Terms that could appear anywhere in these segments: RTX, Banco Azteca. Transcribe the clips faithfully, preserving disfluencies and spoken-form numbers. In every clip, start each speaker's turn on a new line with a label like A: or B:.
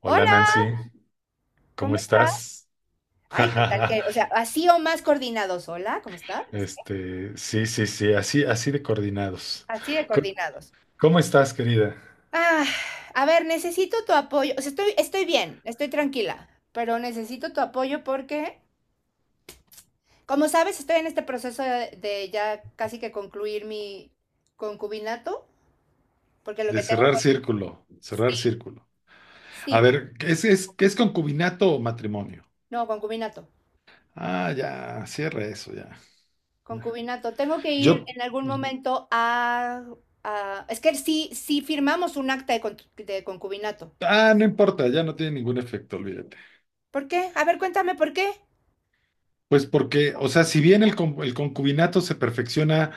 A: Hola,
B: Hola,
A: Nancy, ¿cómo
B: ¿cómo estás?
A: estás?
B: Ay, ¿qué tal que? O sea, así o más coordinados. Hola, ¿cómo estás? No sé qué.
A: Este, sí, sí, sí, así, así de coordinados.
B: Así de
A: Co-
B: coordinados.
A: ¿Cómo estás, querida?
B: Ah, a ver, necesito tu apoyo. O sea, estoy, estoy bien, estoy tranquila, pero necesito tu apoyo porque, como sabes, estoy en este proceso de, de ya casi que concluir mi concubinato, porque lo
A: De
B: que tengo
A: cerrar
B: con.
A: círculo, cerrar
B: Sí,
A: círculo. A
B: sí,
A: ver, ¿qué es, es, qué es concubinato o matrimonio?
B: no, concubinato,
A: Ah, ya, cierra eso, ya.
B: concubinato. Tengo que ir
A: Yo,
B: en algún momento a. A- es que sí, sí firmamos un acta de, con- de concubinato.
A: ah, no importa, ya no tiene ningún efecto, olvídate.
B: ¿Por qué? A ver, cuéntame por qué.
A: Pues porque, o sea, si bien el, con- el concubinato se perfecciona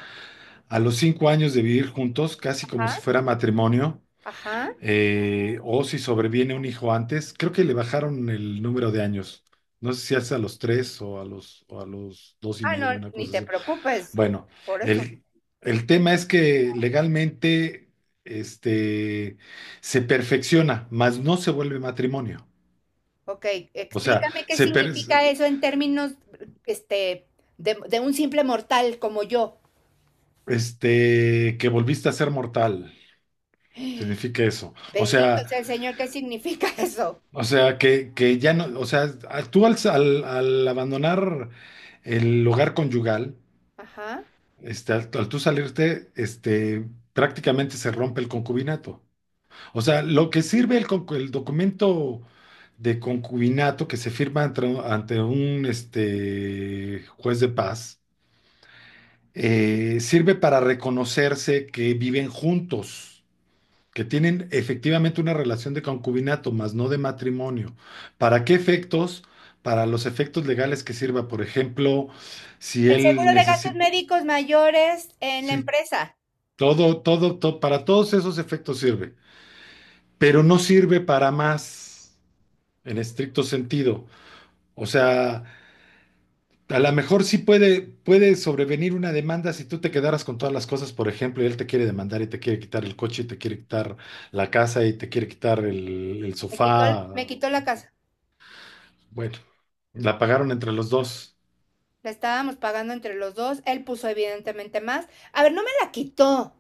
A: a los cinco años de vivir juntos, casi como
B: Ajá.
A: si fuera matrimonio,
B: Ajá.
A: eh, o si sobreviene un hijo antes, creo que le bajaron el número de años. No sé si hace a los tres o a los, o a los dos y
B: Ah, no,
A: medio, una
B: ni
A: cosa
B: te
A: así.
B: preocupes
A: Bueno,
B: por eso.
A: el, el tema es que legalmente, este, se perfecciona, mas no se vuelve matrimonio.
B: Ok,
A: O sea,
B: explícame qué
A: se per-
B: significa eso en términos, este, de, de un simple mortal como yo.
A: este, que volviste a ser mortal, significa eso. O
B: Bendito
A: sea,
B: sea el Señor, ¿qué significa eso?
A: o sea, que, que ya no, o sea, tú al, al al abandonar el hogar conyugal.
B: Ajá.
A: Este, al, al tú salirte, este, prácticamente se rompe el concubinato. O sea, lo que sirve el, concu- el documento de concubinato que se firma ante, ante un este, juez de paz, eh, sirve para reconocerse que viven juntos, que tienen efectivamente una relación de concubinato, más no de matrimonio. ¿Para qué efectos? Para los efectos legales que sirva, por ejemplo, si
B: El
A: él
B: seguro de gastos
A: necesita...
B: médicos mayores en la empresa.
A: Todo, todo, todo, para todos esos efectos sirve, pero no sirve para más en estricto sentido. O sea, a lo mejor sí puede, puede sobrevenir una demanda si tú te quedaras con todas las cosas, por ejemplo, y él te quiere demandar y te quiere quitar el coche y te quiere quitar la casa y te quiere quitar el, el
B: Me quitó, el- me
A: sofá.
B: quitó la casa.
A: Bueno, la pagaron entre los dos.
B: La estábamos pagando entre los dos. Él puso evidentemente más. A ver, no me la quitó.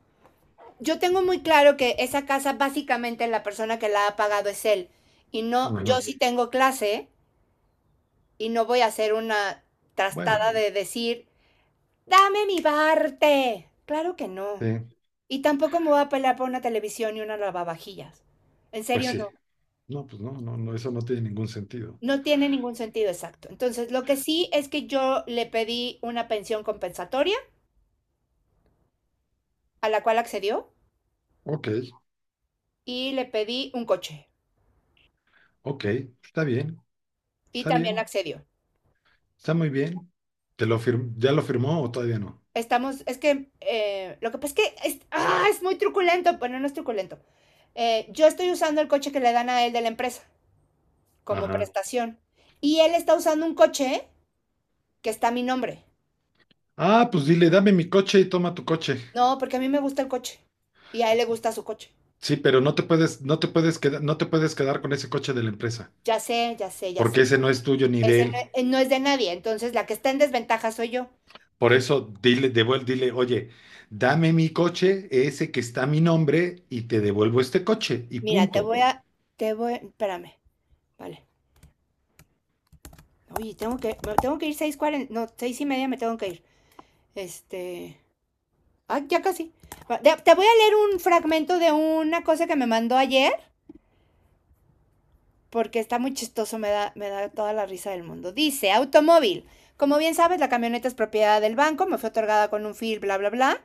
B: Yo tengo muy claro que esa casa básicamente la persona que la ha pagado es él. Y no,
A: Ujú.
B: yo sí tengo clase y no voy a hacer una
A: Bueno,
B: trastada de decir, dame mi parte. Claro que no.
A: eh,
B: Y tampoco me voy a pelear por una televisión y una lavavajillas. En
A: pues
B: serio,
A: sí.
B: no.
A: No, pues no, no, no, eso no tiene ningún sentido.
B: No tiene ningún sentido exacto. Entonces, lo que sí es que yo le pedí una pensión compensatoria, a la cual accedió,
A: Ok,
B: y le pedí un coche,
A: ok, está bien,
B: y
A: está
B: también
A: bien.
B: accedió.
A: Está muy bien. ¿Te lo fir- ¿Ya lo firmó o todavía no?
B: Estamos, es que eh, lo que pasa es que es, ¡ah! Es muy truculento, bueno, no es truculento. Eh, yo estoy usando el coche que le dan a él de la empresa como
A: Ajá.
B: prestación y él está usando un coche que está a mi nombre.
A: Ah, pues dile, dame mi coche y toma tu coche.
B: No, porque a mí me gusta el coche y a él le gusta su coche.
A: Sí, pero no te puedes, no te puedes quedar, no te puedes quedar con ese coche de la empresa,
B: Ya sé, ya sé, ya sé.
A: porque ese no es tuyo ni de
B: Ese no,
A: él.
B: eh, no es de nadie, entonces la que está en desventaja soy yo.
A: Por
B: Entonces,
A: eso, dile, devuelve, dile, oye, dame mi coche, ese que está a mi nombre, y te devuelvo este coche, y
B: mira, te
A: punto.
B: voy a, te voy, espérame, vale. Oye, tengo que, tengo que ir seis cuarenta, no, seis y media me tengo que ir. Este, Ah, ya casi. Ah, te voy a leer un fragmento de una cosa que me mandó ayer, porque está muy chistoso, me da, me da toda la risa del mundo. Dice, automóvil. Como bien sabes, la camioneta es propiedad del banco, me fue otorgada con un fil, bla, bla, bla.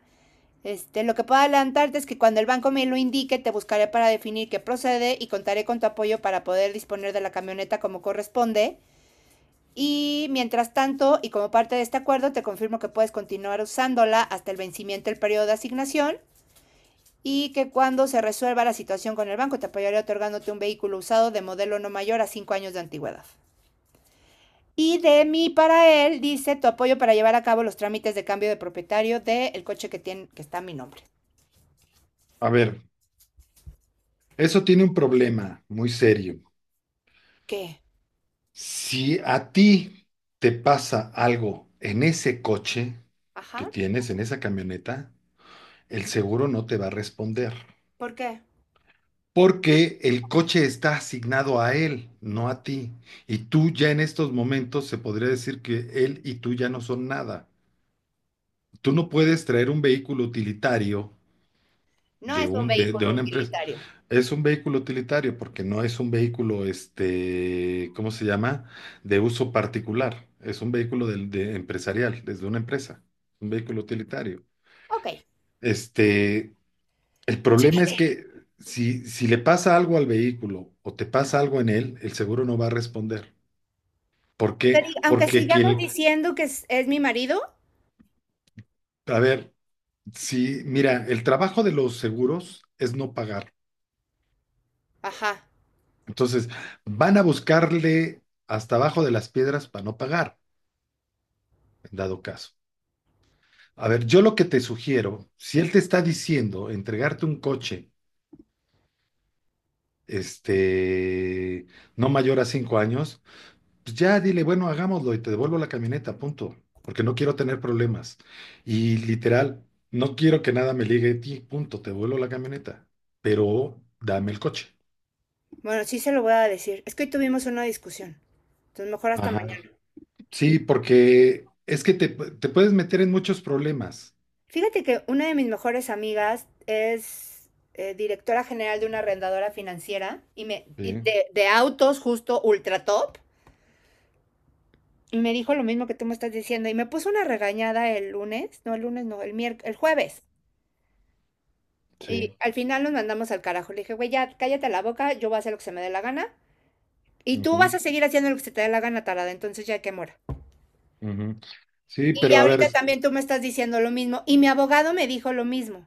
B: Este, lo que puedo adelantarte es que cuando el banco me lo indique, te buscaré para definir qué procede y contaré con tu apoyo para poder disponer de la camioneta como corresponde. Y mientras tanto, y como parte de este acuerdo, te confirmo que puedes continuar usándola hasta el vencimiento del periodo de asignación y que cuando se resuelva la situación con el banco te apoyaré otorgándote un vehículo usado de modelo no mayor a cinco años de antigüedad. Y de mí para él dice tu apoyo para llevar a cabo los trámites de cambio de propietario del coche que, tiene, que está a mi nombre.
A: A ver, eso tiene un problema muy serio.
B: ¿Qué?
A: Si a ti te pasa algo en ese coche que
B: Ajá.
A: tienes, en esa camioneta, el seguro no te va a responder.
B: ¿Por qué?
A: Porque el coche está asignado a él, no a ti. Y tú ya en estos momentos se podría decir que él y tú ya no son nada. Tú no puedes traer un vehículo utilitario
B: No
A: de
B: es un
A: un, de, de
B: vehículo
A: una empresa.
B: utilitario.
A: Es un vehículo utilitario porque no es un vehículo, este, ¿cómo se llama? De uso particular. Es un vehículo del- de, empresarial, desde una empresa. Un vehículo utilitario.
B: Ok. Aunque
A: Este, El problema es que si, si le pasa algo al vehículo o te pasa algo en él, el seguro no va a responder. ¿Por qué?
B: Aunque
A: Porque
B: sigamos
A: quien,
B: diciendo que es, es mi marido.
A: a ver, si, mira, el trabajo de los seguros es no pagar.
B: Ajá.
A: Entonces, van a buscarle hasta abajo de las piedras para no pagar, en dado caso. A ver, yo lo que te sugiero, si él te está diciendo entregarte un coche, este, no mayor a cinco años, pues ya dile, bueno, hagámoslo y te devuelvo la camioneta, punto, porque no quiero tener problemas. Y literal, no quiero que nada me ligue a ti, punto, te devuelvo la camioneta, pero dame el coche.
B: Bueno, sí se lo voy a decir. Es que hoy tuvimos una discusión. Entonces mejor hasta
A: Ajá.
B: mañana.
A: Sí, porque es que te, te puedes meter en muchos problemas.
B: Fíjate que una de mis mejores amigas es eh, directora general de una arrendadora financiera y me y
A: Sí,
B: de, de autos justo ultra top. Y me dijo lo mismo que tú me estás diciendo. Y me puso una regañada el lunes. No, el lunes no, el miérc- el jueves. Y
A: sí.
B: al final nos mandamos al carajo. Le dije, güey, ya cállate la boca, yo voy a hacer lo que se me dé la gana. Y tú vas a
A: Ujú,
B: seguir haciendo lo que se te dé la gana, tarada. Entonces ya que mora.
A: ujú. Sí,
B: Y
A: pero
B: ya
A: a ver,
B: ahorita
A: es-
B: también tú me estás diciendo lo mismo. Y mi abogado me dijo lo mismo.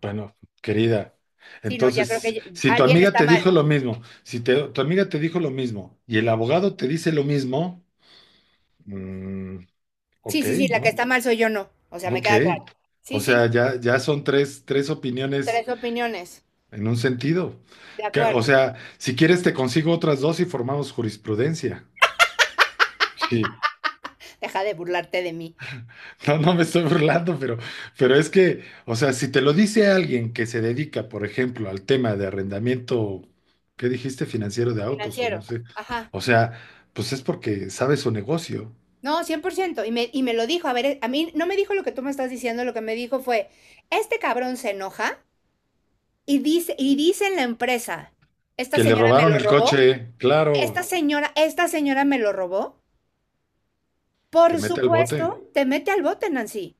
A: bueno, querida,
B: Sí, no, ya creo que
A: entonces,
B: ya-
A: si tu
B: alguien
A: amiga
B: está
A: te
B: mal.
A: dijo lo mismo, si te- tu amiga te dijo lo mismo y el abogado te dice lo mismo, mm,
B: Sí,
A: ok,
B: sí, sí, la que
A: ¿no?
B: está mal soy yo, no. O sea, me
A: Ok,
B: queda claro. Sí,
A: o
B: sí,
A: sea, ya, ya son tres, tres opiniones
B: tres opiniones.
A: en un sentido.
B: De
A: Que, o
B: acuerdo.
A: sea, si quieres te consigo otras dos y formamos jurisprudencia. Sí,
B: Deja de burlarte de mí.
A: no, no me estoy burlando, pero, pero es que, o sea, si te lo dice alguien que se dedica, por ejemplo, al tema de arrendamiento, ¿qué dijiste? Financiero de autos o no
B: Financiero.
A: sé.
B: Ajá.
A: O sea, pues es porque sabe su negocio.
B: No, cien por ciento. Y me, y me lo dijo. A ver, eh, a mí no me dijo lo que tú me estás diciendo. Lo que me dijo fue, este cabrón se enoja y dice, y dice en la empresa, esta
A: Que le
B: señora me
A: robaron
B: lo
A: el
B: robó.
A: coche,
B: Esta
A: claro,
B: señora, esta señora me lo robó.
A: te
B: Por
A: mete al bote.
B: supuesto, te mete al bote, Nancy.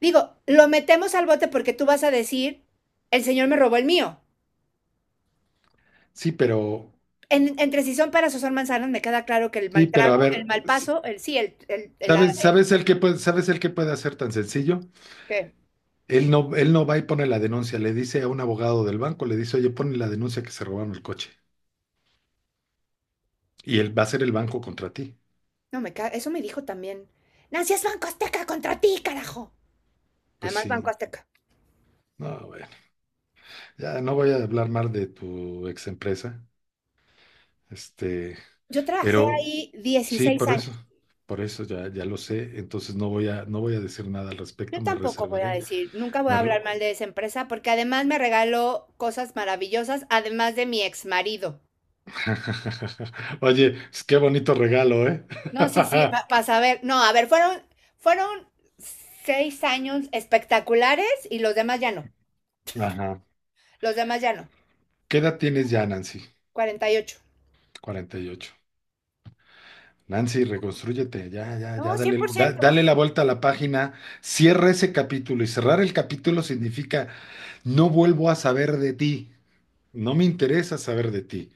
B: Digo, lo metemos al bote porque tú vas a decir, el señor me robó el mío.
A: Sí, pero,
B: En- entre si son peras o son manzanas, me queda claro que el
A: sí,
B: mal
A: pero a
B: trago, el
A: ver.
B: mal paso, el sí, el, el, el- la-
A: ¿Sabes,
B: el
A: sabes el que puede, sabes el que puede hacer tan sencillo?
B: que-
A: Él no, él no va y pone la denuncia, le dice a un abogado del banco, le dice, oye, pone la denuncia que se robaron el coche. Y él va a ser el banco contra ti.
B: No, me ca- eso me dijo también. Nancy es Banco Azteca contra ti, carajo.
A: Pues
B: Además, Banco
A: sí.
B: Azteca.
A: No, bueno, ya no voy a hablar mal de tu ex empresa. Este,
B: Yo trabajé
A: pero
B: ahí
A: sí,
B: dieciséis
A: por eso.
B: años.
A: Por eso ya, ya lo sé. Entonces no voy a, no voy a decir nada al
B: Yo
A: respecto, me
B: tampoco voy a
A: reservaré.
B: decir, nunca voy a
A: Me re-
B: hablar mal de esa empresa porque además me regaló cosas maravillosas, además de mi ex marido.
A: Oye, pues qué bonito regalo, ¿eh?
B: No, sí, sí,
A: Ajá.
B: para saber. No, a ver, fueron, fueron seis años espectaculares y los demás ya no. Los demás ya no.
A: ¿Qué edad tienes ya, Nancy?
B: Cuarenta y ocho.
A: Cuarenta y ocho. Nancy, reconstrúyete, ya, ya, ya,
B: No, cien por
A: dale, da-
B: ciento.
A: dale la vuelta a la página, cierra ese capítulo y cerrar el capítulo significa no vuelvo a saber de ti, no me interesa saber de ti.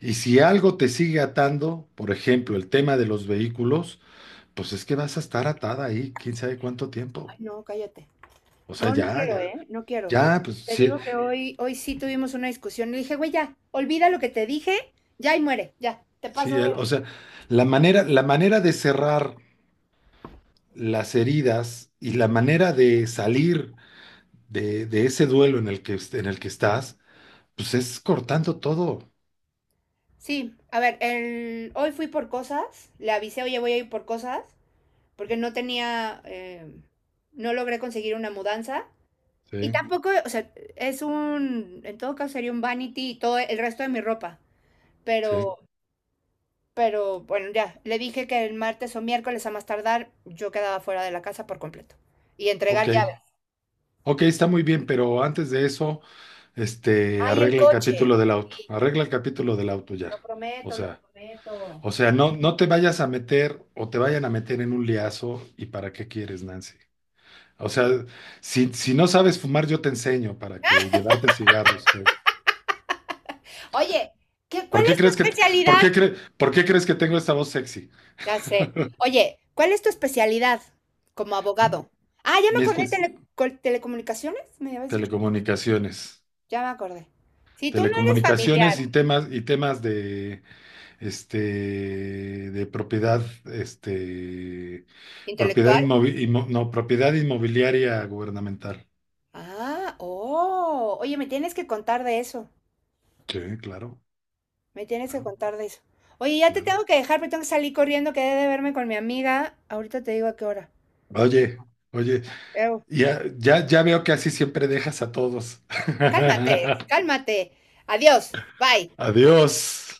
A: Y si algo te sigue atando, por ejemplo, el tema de los vehículos, pues es que vas a estar atada ahí, quién sabe cuánto
B: Ay,
A: tiempo.
B: no, cállate.
A: O sea,
B: No, no
A: ya,
B: quiero,
A: ya,
B: ¿eh? No quiero.
A: ya,
B: Porque
A: pues
B: te
A: sí,
B: digo que hoy, hoy sí tuvimos una discusión. Le dije, güey, ya, olvida lo que te dije, ya y muere, ya. Te
A: sí,
B: paso.
A: el- o sea, la manera, la manera de cerrar las heridas y la manera de salir de, de ese duelo en el que, en el que estás, pues es cortando todo.
B: Sí, a ver, el... hoy fui por cosas. Le avisé, oye, voy a ir por cosas. Porque no tenía, eh, no logré conseguir una mudanza. Y
A: Sí,
B: tampoco, o sea, es un. En todo caso sería un vanity y todo el resto de mi ropa.
A: sí.
B: Pero Pero bueno, ya, le dije que el martes o miércoles a más tardar yo quedaba fuera de la casa por completo. Y entregar
A: Ok,
B: llaves.
A: ok, está muy bien, pero antes de eso, este,
B: ¡Ay, el
A: arregla el
B: coche!
A: capítulo del auto,
B: Sí, ya,
A: arregla el capítulo del auto ya.
B: lo
A: O
B: prometo, lo
A: sea,
B: prometo.
A: o sea, no, no te vayas a meter o te vayan a meter en un liazo y para qué quieres, Nancy. O sea, si, si no sabes fumar, yo te enseño para que llevarte cigarros, pues.
B: Oye, ¿qué, ¿cuál
A: ¿Por qué
B: es tu
A: crees que, por
B: especialidad?
A: qué cre- por qué crees que tengo esta voz sexy?
B: Ya sé. Oye, ¿cuál es tu especialidad como
A: ¿Mm?
B: abogado? Ah, ya me
A: Mi
B: acordé,
A: espe-
B: tele- col- telecomunicaciones, me habías dicho.
A: Telecomunicaciones.
B: Ya me acordé. Si tú no eres familiar,
A: Telecomunicaciones y temas, y temas de, este, de propiedad, este, propiedad
B: intelectual.
A: inmovi- inmo- no, propiedad inmobiliaria gubernamental.
B: Ah, oh, oye, me tienes que contar de eso.
A: Sí, claro,
B: Me tienes que
A: claro,
B: contar de eso. Oye, ya te
A: claro.
B: tengo que dejar, pero tengo que salir corriendo, quedé de verme con mi amiga. Ahorita te digo a qué hora.
A: Oye, oye,
B: Eu,
A: ya, ya, ya veo que así siempre dejas a todos.
B: cálmate, cálmate. Adiós, bye.
A: Adiós.